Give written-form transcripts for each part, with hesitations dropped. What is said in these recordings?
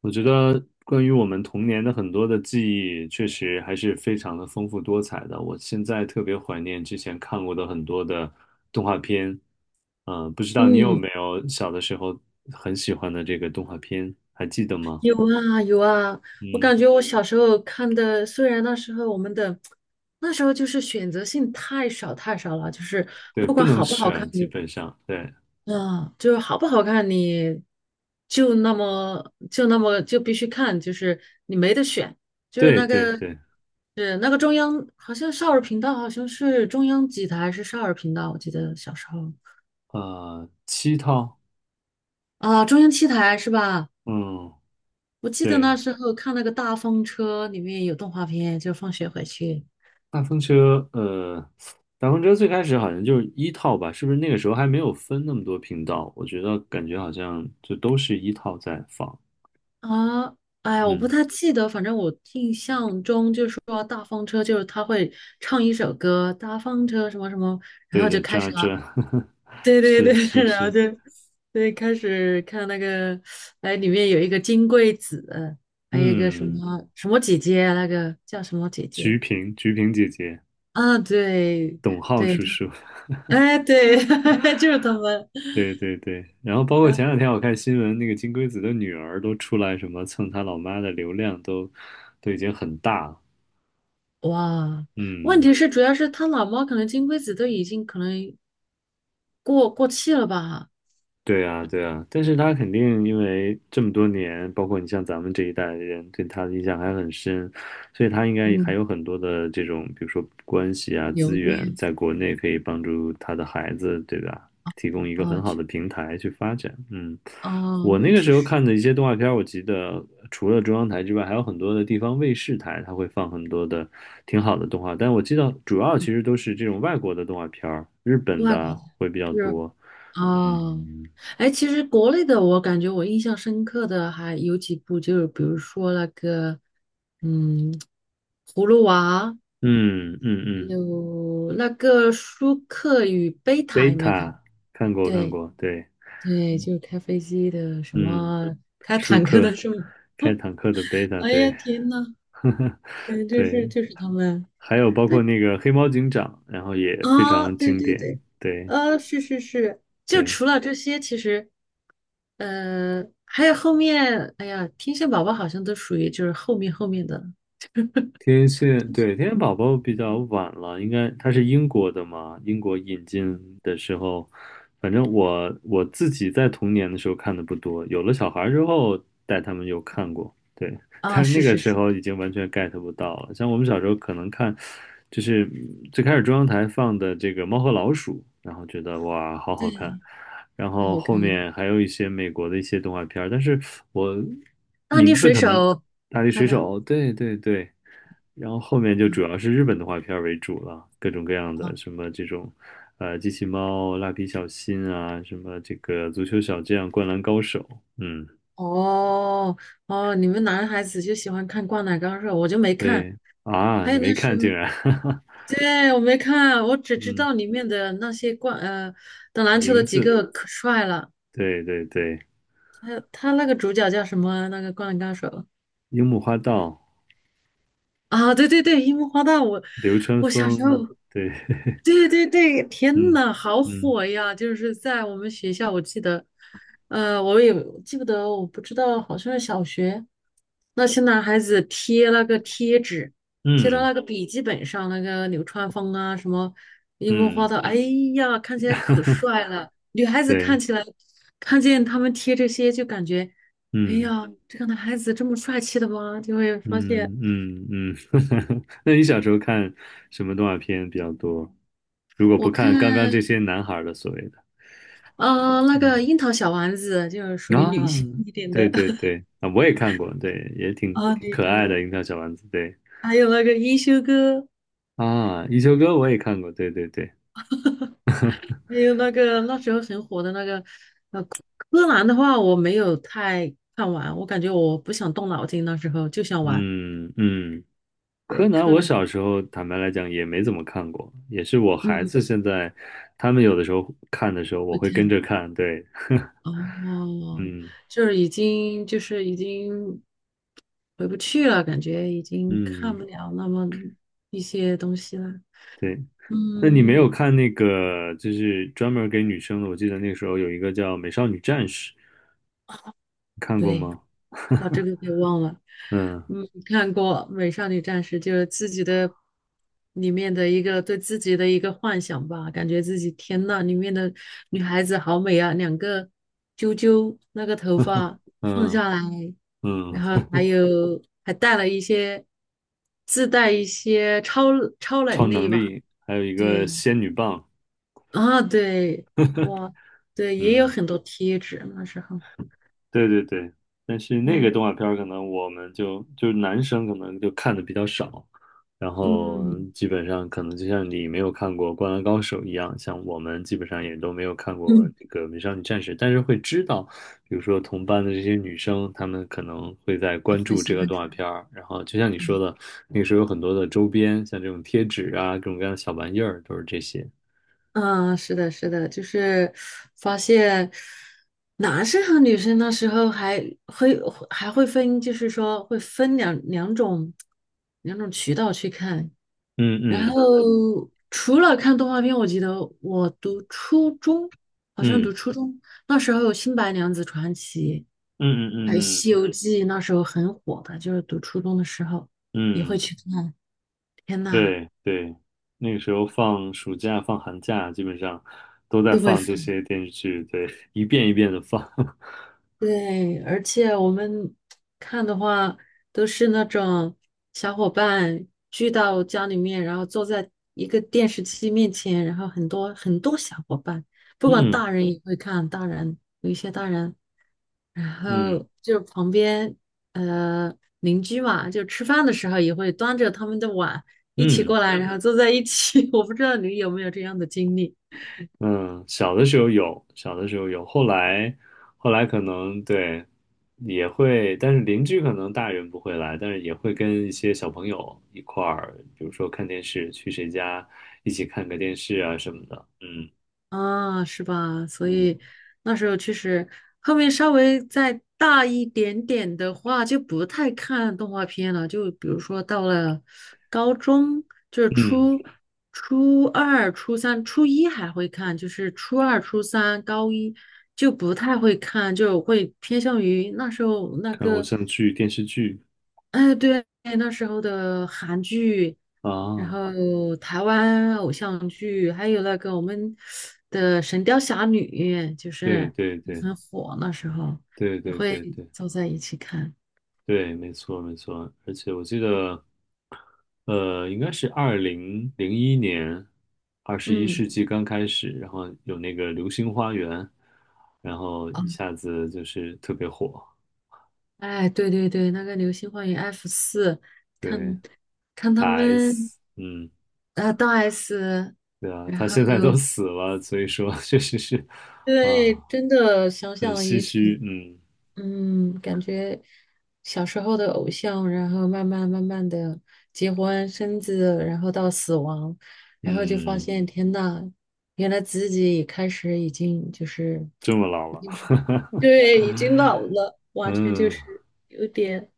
我觉得关于我们童年的很多的记忆，确实还是非常的丰富多彩的。我现在特别怀念之前看过的很多的动画片，不知道你有嗯，没有小的时候很喜欢的这个动画片，还记得吗？有啊有啊。我嗯，感觉我小时候看的，虽然那时候就是选择性太少太少了。就是对，不不管能好不好看选，基你，本上，对，啊，就是好不好看你，就那么就必须看，就是你没得选。就是对那对个对，是那个中央，好像少儿频道，好像是中央几台还是少儿频道，我记得小时候。7套，啊，中央七台是吧？嗯，我记得对。那时候看那个大风车里面有动画片，就放学回去大风车，呃，大风车最开始好像就是一套吧，是不是那个时候还没有分那么多频道？我觉得感觉好像就都是一套在放。啊。哎呀，我不嗯，太记得，反正我印象中就是说大风车就是他会唱一首歌，大风车什么什么。对对，这 对对对。是 是然后是，就，对，开始看那个，哎，里面有一个金龟子，还有一个什嗯，么什么姐姐啊，那个叫什么姐菊姐萍菊萍姐姐，啊。对董浩对，叔叔，哎对。就是他们。对对对。然后包括前两天我看新闻，那个金龟子的女儿都出来什么蹭他老妈的流量都，都已经很大了。哇，问嗯，题是主要是他老猫，可能金龟子都已经可能过气了吧？对啊，对啊，但是他肯定因为这么多年，包括你像咱们这一代的人对他的印象还很深，所以他应该还嗯，有很多的这种，比如说关系啊、留资源，恋，在国内可以帮助他的孩子，对吧？提供一个啊，很好去的平台去发展。嗯，哦，我那那个确时候实。看的一些动画片儿，我记得除了中央台之外，还有很多的地方卫视台，它会放很多的挺好的动画，但我记得主要其嗯，实都是这种外国的动画片儿，日本外国的的，会比较是，多。哦。嗯，哎，其实国内的我感觉我印象深刻的还有几部，就是比如说那个，嗯，葫芦娃，嗯嗯嗯，有那个舒克与贝贝塔，有没有看？塔，看过看对过，对，对，就是开飞机的，什嗯，么开舒坦克克的是吗？开坦克的贝塔，哎呀，对，天呐。对，就是对，就是他们。还有包括对那个黑猫警长，然后也非啊，常对经对典，对。对啊，是是是，就对。除了这些，其实还有后面。哎呀，天线宝宝好像都属于就是后面后面的天线，对，天线宝宝比较晚了，应该它是英国的嘛？英国引进的时候，反正我自己在童年的时候看的不多，有了小孩之后带他们有看过，对，啊。但是是那个是时是。候已经完全 get 不到了。像我们小时候可能看，就是最开始中央台放的这个《猫和老鼠》，然后觉得哇，好好看，对，然太后好后看了。面还有一些美国的一些动画片儿，但是我大力名字水可能手，《大力那水个手》，对对对。然后后面就主要是日本动画片儿为主了，各种各样啊。的什么这种，机器猫、蜡笔小新啊，什么这个足球小将、灌篮高手，嗯，哦哦，你们男孩子就喜欢看《灌篮高手》，我就没看。对啊，还你有没那是，看竟然，对，我没看，我只知嗯，道里面的那些打篮球的名几字，个可帅了。对对对，还有他那个主角叫什么啊？那个灌篮高手。樱木花道、啊，对对对，樱木花道，我流川我小时候 枫，对，对对对，天嗯呐，好嗯火呀！就是在我们学校，我记得，我也记不得，我不知道，好像是小学，那些男孩子贴那个贴纸，贴到嗯那个笔记本上，那个流川枫啊，什么樱木花嗯，道。哎呀，看起来可 帅了。女孩子对，看起来，看见他们贴这些，就感觉，哎嗯。呀，这个男孩子这么帅气的吗？就会发现。嗯嗯嗯，那你小时候看什么动画片比较多？如果我不看，看刚刚这些男孩儿的所谓的，那嗯个樱桃小丸子就是属于女啊，性一点对的 对 对啊，我也看过，对，也挺啊，挺你可看爱的过？《樱桃小丸子》，对还有那个一休哥，啊，《一休哥》我也看过，对对对，还有那个那时候很火的那个，柯南的话我没有太看完，我感觉我不想动脑筋，那时候就想玩。嗯嗯，对，柯南柯我南。小时候坦白来讲也没怎么看过，也是我孩嗯，子现在他们有的时候看的时候，我会会跟看着看，对，哦。嗯就是已经回不去了，感觉已经看嗯，不了那么一些东西了。对，那你没有嗯，看那个，就是专门给女生的？我记得那个时候有一个叫《美少女战士》，你看过对。吗？把这个给忘了。嗯嗯，看过《美少女战士》，就是自己的里面的一个对自己的一个幻想吧，感觉自己天呐，里面的女孩子好美啊，两个啾啾，那个头发放嗯下来，嗯，然后还有还带了一些自带一些超超能能力吧。力，还有一个对仙女棒，啊，对，哇，对，也有嗯。很多贴纸那时候。对对对，但是那个嗯动画片儿可能我们就是男生可能就看的比较少，然后嗯基本上可能就像你没有看过《灌篮高手》一样，像我们基本上也都没有看过嗯，这个《美少女战士》，但是会知道，比如说同班的这些女生，她们可能会在我关会注喜这个欢动画看。片儿，然后就像你说的，那个时候有很多的周边，像这种贴纸啊，各种各样的小玩意儿，都是这些。嗯，是的，是的，就是发现男生和女生那时候会还会分，就是说会分两种渠道去看。嗯然嗯后除了看动画片，我记得我读初中，好像嗯读初中那时候有《新白娘子传奇》，嗯嗯还有嗯嗯嗯。《西游记》，那时候很火的，就是读初中的时候也嗯，会去看。天呐，对对，那个时候放暑假、放寒假，基本上都在都会放这放。些电视剧，对，一遍一遍的放。对，而且我们看的话，都是那种小伙伴聚到家里面，然后坐在一个电视机面前，然后很多很多小伙伴，不管嗯大人也会看，大人有一些大人，然嗯后就旁边呃邻居嘛，就吃饭的时候也会端着他们的碗一起嗯过来，然后坐在一起。我不知道你有没有这样的经历。嗯，小的时候有，小的时候有，后来可能对也会，但是邻居可能大人不会来，但是也会跟一些小朋友一块儿，比如说看电视，去谁家一起看个电视啊什么的。嗯啊，是吧？所嗯以那时候确实，后面稍微再大一点点的话，就不太看动画片了，就比如说到了高中。就是嗯，初二、初三、初一还会看，就是初二、初三、高一就不太会看，就会偏向于那时候那看偶个。像剧、电视剧哎，对，那时候的韩剧，然啊，后台湾偶像剧，还有那个我们的《神雕侠侣》，就对是对对。很火，那时候对也对会对对坐在一起看。对，没错没错，而且我记得，应该是2001年，二十一嗯，世纪刚开始，然后有那个《流星花园》，然后哦，一下子就是特别火。哎，对对对，那个《流星花园 F 四》，对，看看他大 们 S，嗯，啊，大S。对啊，然他后现在都死了，所以说 确实是啊，对，真的想很想唏也嘘，挺嗯嗯。感觉小时候的偶像，然后慢慢慢慢的结婚生子，然后到死亡，然后就发嗯，现天呐，原来自己也开始已经就是这么老已了，经对，已经老了，完全就嗯，是有点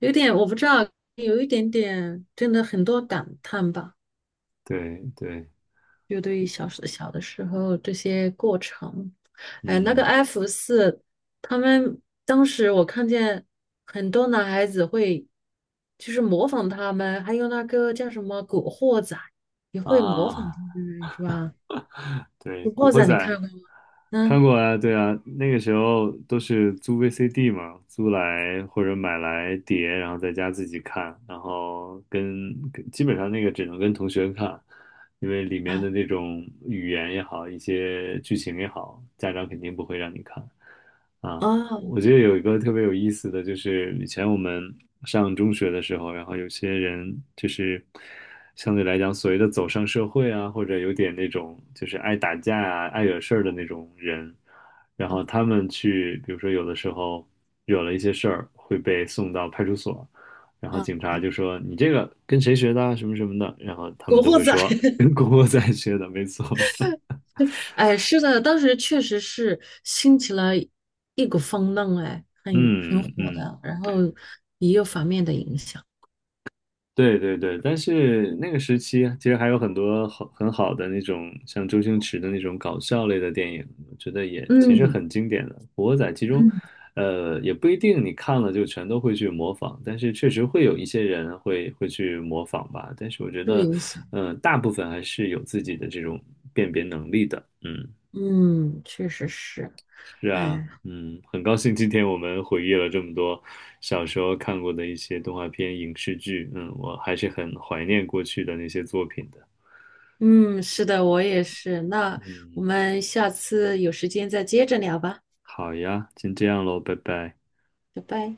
有点，我不知道，有一点点，真的很多感叹吧。对对，就对于小的时候这些过程，哎，那个 嗯 F 四，他们当时我看见很多男孩子会，就是模仿他们，还有那个叫什么古惑仔，也会模仿啊。他们，是吧？对，古《古惑惑仔仔》你看过吗？看嗯过啊，对啊，那个时候都是租 VCD 嘛，租来或者买来碟，然后在家自己看，然后跟基本上那个只能跟同学看，因为里面的啊那种语言也好，一些剧情也好，家长肯定不会让你看啊。哦我觉得有一个特别有意思的，就是以前我们上中学的时候，然后有些人就是相对来讲所谓的走上社会啊，或者有点那种就是爱打架啊、爱惹事儿的那种人，然后他们去，比如说有的时候惹了一些事儿，会被送到派出所，然后警啊，察就说你这个跟谁学的啊，什么什么的，然后他古们都惑会仔。说跟 郭 仔学的，没错，哎，是的，当时确实是兴起了一股风浪，哎，很嗯火嗯。的，然后也有反面的影响。对对对，但是那个时期啊其实还有很多好很好的那种像周星驰的那种搞笑类的电影，我觉得也其实嗯很经典的。古惑仔其中，嗯，也不一定你看了就全都会去模仿，但是确实会有一些人会去模仿吧。但是我觉受得，影响。大部分还是有自己的这种辨别能力的。嗯，嗯，确实是。是啊，哎，嗯，很高兴今天我们回忆了这么多小时候看过的一些动画片、影视剧，嗯，我还是很怀念过去的那些作品的。嗯，是的，我也是。那我嗯，们下次有时间再接着聊吧，好呀，先这样喽，拜拜。拜拜。